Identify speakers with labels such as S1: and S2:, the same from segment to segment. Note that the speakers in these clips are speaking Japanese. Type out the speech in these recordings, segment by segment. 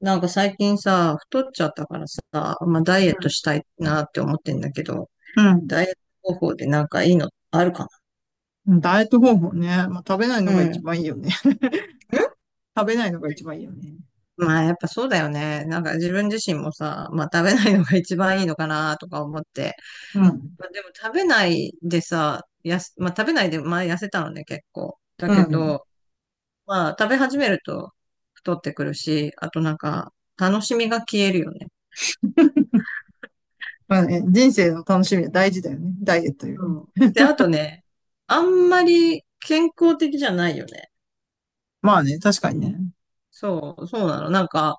S1: なんか最近さ、太っちゃったからさ、まあダイエットしたいなって思ってんだけど、
S2: うん。
S1: ダイエット方法でなんかいいのあるか
S2: うん。ダイエット方法ね。まあ、食べないの
S1: な。
S2: が
S1: うん。
S2: 一
S1: ん、
S2: 番いいよね。食べないのが一番いいよね。
S1: まあやっぱそうだよね。なんか自分自身もさ、まあ食べないのが一番いいのかなとか思って。
S2: うん。
S1: まあでも食べないでさ、まあ食べないで前痩せたのね結構。だ
S2: う
S1: け
S2: ん。
S1: ど、まあ食べ始めると太ってくるし、あとなんか楽しみが消えるよね。
S2: まあね、人生の楽しみは大事だよね。ダイエットより。
S1: そう。で、あとね、あんまり健康的じゃないよね。
S2: まあね、確かにね。
S1: そう、そうなの。なんか、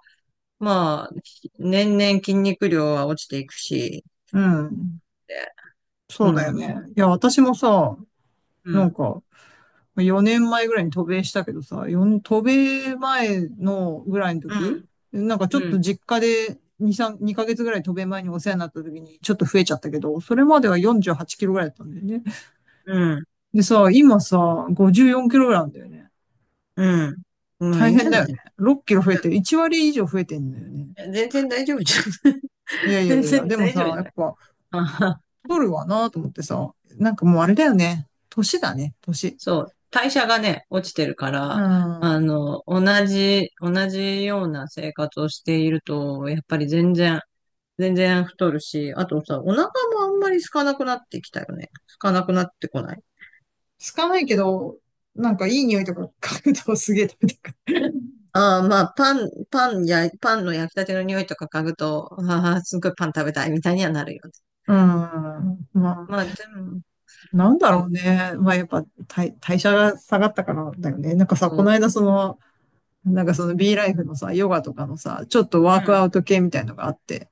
S1: まあ、年々筋肉量は落ちていくし、
S2: うん。
S1: で、う
S2: そうだよ
S1: ん、
S2: ね。いや、私もさ、
S1: う
S2: なん
S1: ん、
S2: か、4年前ぐらいに渡米したけどさ、4渡米前のぐらいの
S1: う
S2: 時、
S1: ん、
S2: なんかちょっ
S1: う
S2: と
S1: ん、
S2: 実家で2ヶ月ぐらい渡米前にお世話になった時にちょっと増えちゃったけど、それまでは48キロぐらいだったんだよね。
S1: うん、
S2: でさ、今さ、54キロぐらいなんだよね。
S1: うん。まあ、い
S2: 大
S1: いんじ
S2: 変
S1: ゃ
S2: だ
S1: な
S2: よ
S1: い？い
S2: ね。6キロ増え
S1: や、
S2: てる。1割以上増えてんだよね。
S1: 全然大丈夫じゃん。
S2: いや いや
S1: 全
S2: いや、
S1: 然
S2: でも
S1: 大丈夫
S2: さ、
S1: じゃ
S2: やっ
S1: ない。
S2: ぱ、
S1: あはは。
S2: 太るわなと思ってさ、なんかもうあれだよね。年だね、年。
S1: そう、代謝がね、落ちてるか
S2: う
S1: ら、あ
S2: ん。
S1: の、同じような生活をしていると、やっぱり全然太るし、あとさ、お腹もあんまり空かなくなってきたよね。空かなくなってこない？
S2: つかないけど、なんかいい匂いとか嗅ぐとすげえ食べたくなる。
S1: ああ、まあ、パンの焼きたての匂いとか嗅ぐと、ああ、すごいパン食べたいみたいにはなるよね。
S2: うん。まあ、
S1: まあ、でも、
S2: なんだ
S1: そ
S2: ろう
S1: う
S2: ね。まあやっぱ代謝が下がったからだよね。なんかさ、こ
S1: そ
S2: の間その、なんかその B ライフのさ、ヨガとかのさ、ちょっとワークア
S1: う。
S2: ウト系みたいのがあって、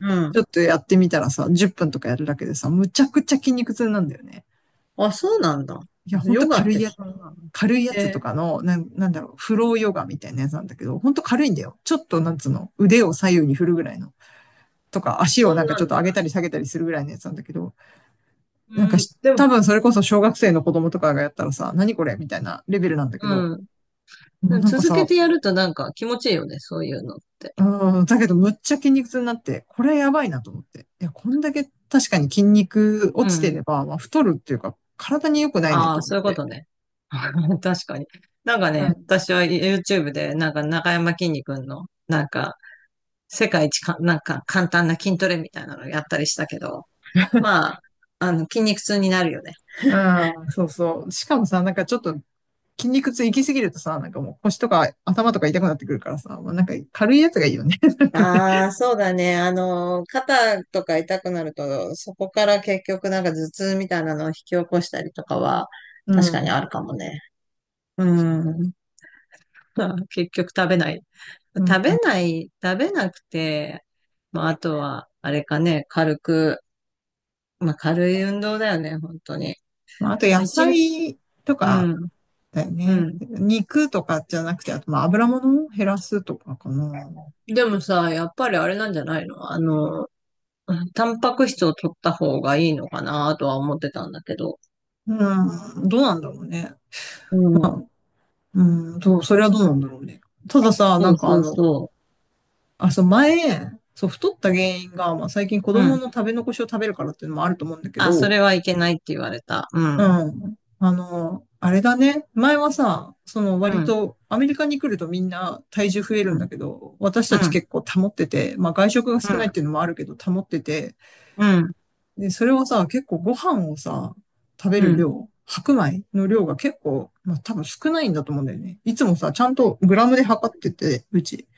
S1: うん、う
S2: ち
S1: ん。
S2: ょっとやってみたらさ、10分とかやるだけでさ、むちゃくちゃ筋肉痛なんだよね。
S1: あ、そうなんだ。
S2: いや、ほん
S1: ヨ
S2: と
S1: ガってそんなの？
S2: 軽いやつと
S1: で、
S2: かの、なんだろう、フローヨガみたいなやつなんだけど、ほんと軽いんだよ。ちょっと、なんつうの、腕を左右に振るぐらいの。とか、足
S1: そ
S2: をな
S1: ん
S2: んか
S1: な
S2: ちょっ
S1: ん
S2: と
S1: で
S2: 上
S1: な
S2: げ
S1: ん
S2: た
S1: だ。
S2: り下げたりするぐらいのやつなんだけど、なん
S1: う
S2: か
S1: ん、でも、
S2: 多分それこそ小学生の子供とかがやったらさ、何これみたいなレベルなんだけ
S1: う
S2: ど、
S1: ん。
S2: も
S1: で
S2: う
S1: も
S2: なんか
S1: 続け
S2: さ、
S1: てやるとなんか気持ちいいよね、そういうのって。
S2: うん、だけどむっちゃ筋肉痛になって、これやばいなと思って。いや、こんだけ確かに筋肉
S1: う
S2: 落ちて
S1: ん。
S2: れば、まあ、太るっていうか、体に良くないね
S1: あ
S2: と
S1: あ、
S2: 思っ
S1: そういうこ
S2: て。
S1: とね。確かに。なんか
S2: う
S1: ね、
S2: ん。
S1: 私は YouTube で、なんか中山きんに君の、なんか、世界一か、なんか簡単な筋トレみたいなのやったりしたけど、まあ、あの、筋肉痛になるよね。
S2: うん、そうそう。しかもさ、なんかちょっと筋肉痛行き過ぎるとさ、なんかもう腰とか頭とか痛くなってくるからさ、まあ、なんか軽いやつがいいよね。なんかね。
S1: ああ、そうだね。あの、肩とか痛くなると、そこから結局なんか頭痛みたいなのを引き起こしたりとかは、
S2: う
S1: 確かに
S2: ん。
S1: あるかもね。うん。結局食べない。
S2: うん。
S1: 食べなくて、まあ、あとは、あれかね、まあ、軽い運動だよね、本当に。
S2: まあ、あと
S1: まあ
S2: 野
S1: 一日、
S2: 菜と
S1: う
S2: か
S1: ん、
S2: だよ
S1: う
S2: ね。
S1: ん。
S2: 肉とかじゃなくて、あとまあ油物を減らすとかかな。
S1: でもさ、やっぱりあれなんじゃないの、あの、タンパク質を取った方がいいのかなとは思ってたんだけど。
S2: うん。どうなんだろうね。
S1: うん。
S2: うん、そう、それはどうなんだろうね。たださ、
S1: そ
S2: なん
S1: う
S2: か
S1: そ
S2: あ
S1: う
S2: の、
S1: そ
S2: あ、そう、前、そう、太った原因が、まあ最近子
S1: う。う
S2: 供
S1: ん。
S2: の食べ残しを食べるからっていうのもあると思うんだけ
S1: あ、そ
S2: ど、
S1: れはいけないって言われた。う
S2: う
S1: ん。
S2: ん。あの、あれだね。前はさ、その
S1: う
S2: 割
S1: ん。
S2: とアメリカに来るとみんな体重増える
S1: う
S2: んだ
S1: ん。
S2: けど、私
S1: う
S2: たち
S1: ん。
S2: 結構保ってて、まあ外食が
S1: う
S2: 少ないっ
S1: ん。
S2: ていうのもあるけど保ってて、
S1: うん。
S2: で、それはさ、結構ご飯をさ、食べ
S1: う
S2: る
S1: ん。
S2: 量、白米の量が結構、まあ多分少ないんだと思うんだよね。いつもさ、ちゃんとグラムで測ってて、うち。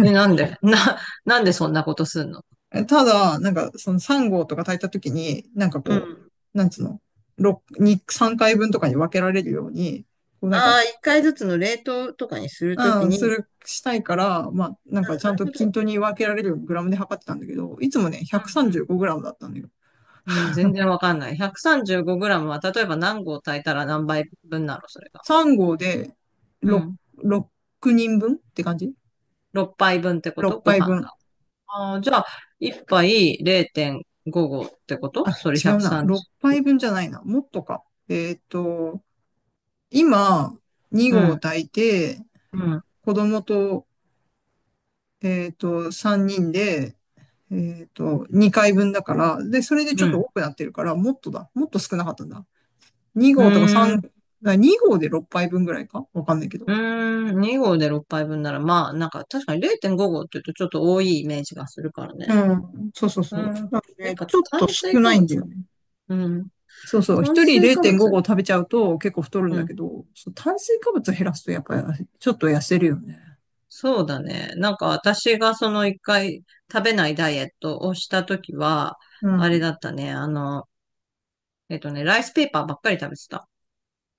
S1: え、なんで、 なんでそんなことすんの？
S2: ただ、なんか、その3号とか炊いた時に、なんか
S1: う
S2: こ
S1: ん。
S2: う、なんつうの、3回分とかに分けられるように、こうなん
S1: あ
S2: か、
S1: あ、一回ずつの冷凍とかにするとき
S2: うん、
S1: に、
S2: したいから、まあ、なん
S1: あ、
S2: かちゃ
S1: な
S2: ん
S1: る
S2: と
S1: ほ
S2: 均
S1: ど。
S2: 等に分けられるようにグラムで測ってたんだけど、いつもね、
S1: うん。
S2: 135グラムだったんだよ。
S1: うん。うん、全然わかんない。135グラムは、例えば何合炊いたら何杯分なの、それが。
S2: 3号で
S1: う
S2: 6、
S1: ん。
S2: 6人分って感じ？
S1: 6杯分ってこと？
S2: 6
S1: ご
S2: 杯
S1: 飯
S2: 分。
S1: が。ああ、じゃあ、1杯0.5合ってこと？
S2: あ、
S1: それ
S2: 違うな。6
S1: 130。
S2: 杯分じゃないな。もっとか。えっと、今、2
S1: う
S2: 合
S1: ん。
S2: 炊いて、
S1: うん。
S2: 子供とえっと、3人で、えっと、2回分だから、で、それでち
S1: う
S2: ょっと
S1: ん。
S2: 多くなってるから、もっとだ。もっと少なかったんだ。2
S1: う
S2: 号とか
S1: ー
S2: 3、
S1: ん。
S2: あ2号で6杯分ぐらいかわかんないけ
S1: う
S2: ど。
S1: ーん。2合で6杯分なら、まあ、なんか確かに0.5合って言うとちょっと多いイメージがするからね。
S2: うん。そうそう
S1: う
S2: そう。
S1: ん。
S2: だから
S1: やっ
S2: ね、
S1: ぱ
S2: ちょっと
S1: 炭
S2: 少
S1: 水
S2: な
S1: 化
S2: い
S1: 物
S2: んだよ
S1: か。
S2: ね。
S1: うん。
S2: そうそう。
S1: 炭
S2: 一人
S1: 水化物、
S2: 0.5合食べちゃうと結構太るん
S1: う
S2: だ
S1: ん。
S2: けど、そう炭水化物減らすとやっぱりちょっと痩せるよね。
S1: そうだね。なんか私がその一回食べないダイエットをしたときは、
S2: う
S1: あれ
S2: ん。
S1: だったね。あの、えっとね、ライスペーパーばっかり食べてた。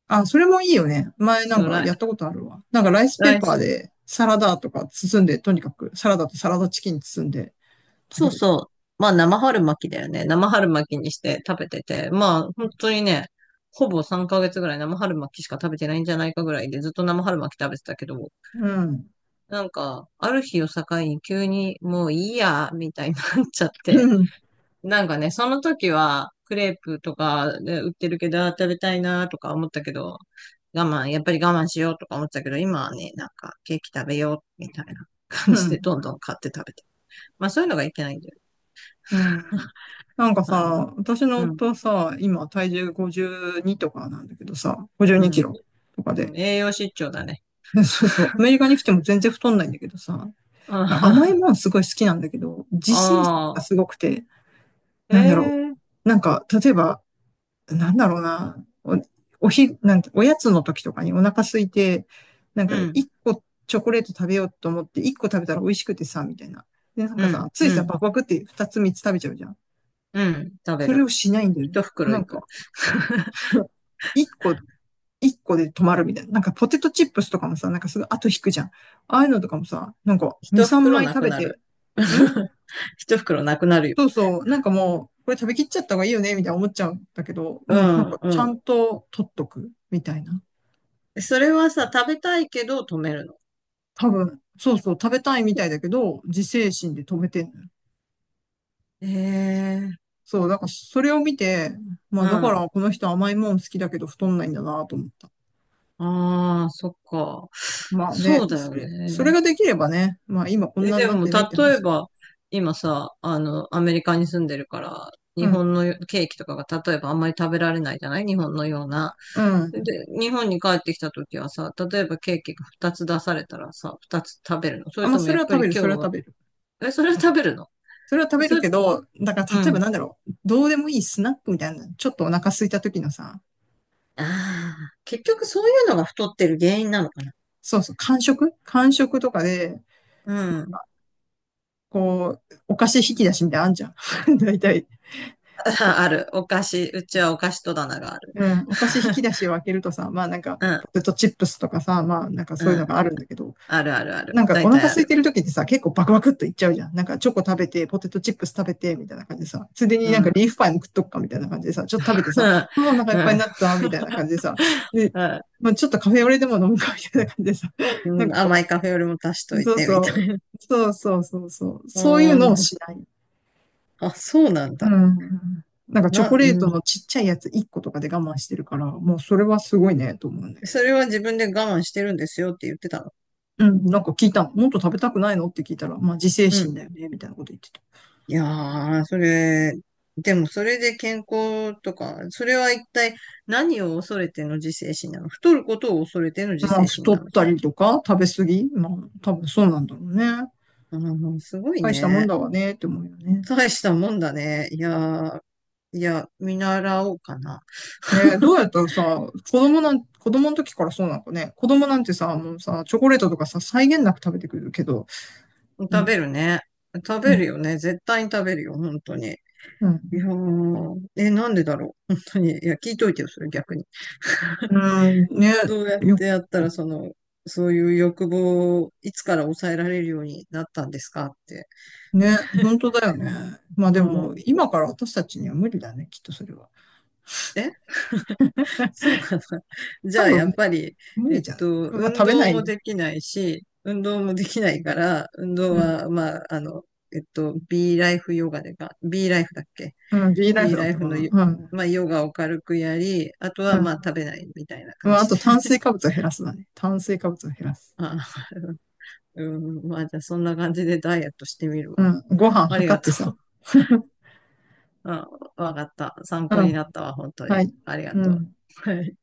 S2: あ、それもいいよね。前なん
S1: そう、
S2: か
S1: ライ、
S2: やったことあるわ。なんかライスペ
S1: ラ
S2: ー
S1: イ
S2: パー
S1: ス、
S2: でサラダとか包んで、とにかくサラダとサラダチキン包んで、食
S1: そ
S2: べ
S1: う
S2: る。
S1: そう。まあ生春巻きだよね。生春巻きにして食べてて、まあ本当にね、ほぼ3ヶ月ぐらい生春巻きしか食べてないんじゃないかぐらいでずっと生春巻き食べてたけど、
S2: うん。
S1: なんか、ある日を境に急にもういいや、みたいになっちゃっ
S2: う
S1: て、
S2: ん。
S1: なんかね、その時はクレープとかで売ってるけど、あー食べたいなとか思ったけど、やっぱり我慢しようとか思ってたけど、今はね、なんかケーキ食べようみたいな、 感
S2: う
S1: じ
S2: ん。
S1: でどんどん買って食べて。まあそういうのがいけないんだよ。
S2: うん。なんか
S1: まあね。
S2: さ、私の
S1: うん。
S2: 夫はさ、今体重52とかなんだけどさ、52
S1: う
S2: キ
S1: ん。
S2: ロとか
S1: う
S2: で。
S1: ん、栄養失調だね。
S2: でそうそう。ア メリカに来ても全然太んないんだけどさ、なんか甘い
S1: あ
S2: もんすごい好きなんだけど、自制心が
S1: あ、
S2: すごくて、
S1: え、
S2: なんだろ
S1: え、
S2: う。なんか、例えばなんだろうな、お、おひ、なんて、おやつの時とかにお腹空いて、なん
S1: う
S2: か
S1: ん、
S2: 一個チョコレート食べようと思って一個食べたら美味しくてさ、みたいな。で、なん
S1: う
S2: か
S1: ん、
S2: さ、つい
S1: う
S2: さ、
S1: ん、
S2: バクバクって二つ三つ食べちゃうじゃん。
S1: うん、食べ
S2: それ
S1: る。
S2: をしないんだよね。
S1: 一袋
S2: な
S1: い
S2: ん
S1: く。
S2: か、一個、一個で止まるみたいな。なんかポテトチップスとかもさ、なんかすぐ後引くじゃん。ああいうのとかもさ、なんか二
S1: 一
S2: 三
S1: 袋
S2: 枚
S1: な
S2: 食
S1: く
S2: べ
S1: なる。
S2: て、ん
S1: 一袋なくなるよ。
S2: そうそう、なんかもう、これ食べきっちゃった方がいいよね、みたいな思っちゃうんだけど、
S1: う
S2: もうなん
S1: ん、
S2: か
S1: う
S2: ちゃ
S1: ん。
S2: んと取っとく、みたいな。
S1: それはさ、食べたいけど止めるの？
S2: 多分、そうそう、食べたいみたいだけど、自制心で止めてんのよ。
S1: え、え、
S2: そう、だからそれを見て、ま
S1: う
S2: あだか
S1: ん。
S2: らこの人甘いもん好きだけど太んないんだなと思った。
S1: ああ、そっか。
S2: まあ
S1: そ
S2: ね、
S1: うだ
S2: そ
S1: よ
S2: れ、それ
S1: ね。
S2: ができればね、まあ今こん
S1: え、
S2: なに
S1: で
S2: なっ
S1: も、
S2: てないって
S1: 例え
S2: 話だ。
S1: ば、今さ、あの、アメリカに住んでるから、
S2: う
S1: 日
S2: ん、
S1: 本のケーキとかが、例えばあんまり食べられないじゃない、日本のような。
S2: う
S1: で、
S2: ん。
S1: 日本に帰ってきた時はさ、例えばケーキが2つ出されたらさ、2つ食べるの？そ
S2: あ、
S1: れ
S2: まあ
S1: とも
S2: そ
S1: や
S2: れ
S1: っ
S2: は
S1: ぱ
S2: 食
S1: り
S2: べる、
S1: 今
S2: そ
S1: 日
S2: れは食
S1: は、
S2: べる。
S1: え、それは食べるの？
S2: それは食
S1: え、
S2: べ
S1: そ
S2: る
S1: れ、
S2: けど、だから
S1: う
S2: 例えば
S1: ん。
S2: なんだろう、どうでもいいスナックみたいな、ちょっとお腹空いた時のさ、
S1: ああ、結局そういうのが太ってる原因なのかな。
S2: そうそう、間食間食とかで、
S1: うん。
S2: こう、お菓子引き出しみたいなのあんじゃん。大体。
S1: あ、ある。お菓子、うちはお菓子戸棚がある。
S2: うん、お菓子引き 出しを開けるとさ、まあなんか、
S1: うん、
S2: ポテトチップスとかさ、まあなんか
S1: う
S2: そういうの
S1: ん。
S2: があるんだけど、
S1: あるあるある。
S2: なんかお
S1: 大体
S2: 腹
S1: あ
S2: 空い
S1: る。
S2: てる時ってさ、結構バクバクっといっちゃうじゃん。なんかチョコ食べて、ポテトチップス食べて、みたいな感じでさ、ついでに
S1: う
S2: なん
S1: ん、う
S2: か
S1: ん、
S2: リーフパイも食っとくか、みたいな感じでさ、ちょっと食べてさ、ああ、お腹い
S1: う
S2: っぱいに
S1: ん、
S2: なった、みたいな感じでさ、で、
S1: う
S2: まあちょっとカフェオレでも飲むか、みたいな感じでさ、なん
S1: ん。
S2: かこ
S1: 甘いカフェよりも足しと
S2: う、
S1: い
S2: そう
S1: て、
S2: そ
S1: みた
S2: う、
S1: いな。
S2: そうそうそうそう、
S1: う
S2: そういうのを
S1: ん、
S2: しない。
S1: あ、そうなん
S2: う
S1: だ。
S2: ん。なんかチョ
S1: な、
S2: コレー
S1: う
S2: ト
S1: ん。
S2: のちっちゃいやつ1個とかで我慢してるから、もうそれはすごいね、と思うね。
S1: それは自分で我慢してるんですよって言ってたの？
S2: うん、なんか聞いたの。もっと食べたくないのって聞いたら、まあ自制
S1: うん。
S2: 心だよね、みたいなこと言ってた。
S1: いやー、それ、でもそれで健康とか、それは一体何を恐れての自制心なの？太ることを恐れての自
S2: まあ
S1: 制心
S2: 太
S1: な
S2: っ
S1: の？
S2: たりとか食べ過ぎまあ多分そうなんだろうね。
S1: うん、すごい
S2: 大したも
S1: ね。
S2: んだわね、って思うよね。
S1: 大したもんだね。いやー、いや、見習おうかな。
S2: ねえ、どうやっ たらさ、子供の時からそうなのかね。子供なんてさ、もうさ、チョコレートとかさ、際限なく食べてくるけど、
S1: 食
S2: ね、
S1: べるね。食
S2: う
S1: べ
S2: ん、
S1: るよね。絶対に食べるよ、本当に。
S2: う
S1: いや
S2: ん、
S1: ー、え、なんでだろう。本当に。いや、聞いといてよ、それ逆に。
S2: うんね、
S1: どうやっ
S2: よ、
S1: てやったら、その、そういう欲望をいつから抑えられるようになったんですかって。
S2: ね、本当だよね。まあ
S1: う
S2: でも、
S1: ん。
S2: 今から私たちには無理だね、きっとそれは。
S1: え、そうかな。じゃ
S2: 多
S1: あ、や
S2: 分、
S1: っぱり、
S2: 無
S1: え
S2: 理
S1: っ
S2: じゃない。
S1: と、
S2: まあ
S1: 運
S2: 食べな
S1: 動
S2: い
S1: も
S2: ね。
S1: できないし、運動もできないから、運
S2: う
S1: 動
S2: ん
S1: は、まあ、あの、えっと、B ライフヨガでか、B ライフだっけ？
S2: うん、ビーライ
S1: B
S2: フだ
S1: ラ
S2: っ
S1: イ
S2: た
S1: フ
S2: か
S1: の
S2: な。
S1: ヨ、
S2: うん。
S1: まあ、ヨガを軽くやり、あと
S2: う
S1: は、まあ、
S2: ん。
S1: 食べないみたいな
S2: うん、
S1: 感
S2: あ
S1: じ
S2: と炭
S1: で。
S2: 水化物を減らすだね。炭水化物を減らす。
S1: あ、うん、まあ、じゃあ、そんな感じでダイエットしてみる
S2: う
S1: わ。
S2: ん。ご飯
S1: あり
S2: 測
S1: が
S2: って
S1: と
S2: さ。
S1: う。あ、わかった。参
S2: う
S1: 考になっ
S2: ん。
S1: たわ、本当
S2: は
S1: に。
S2: い。
S1: ありが
S2: う
S1: とう。
S2: ん。
S1: はい。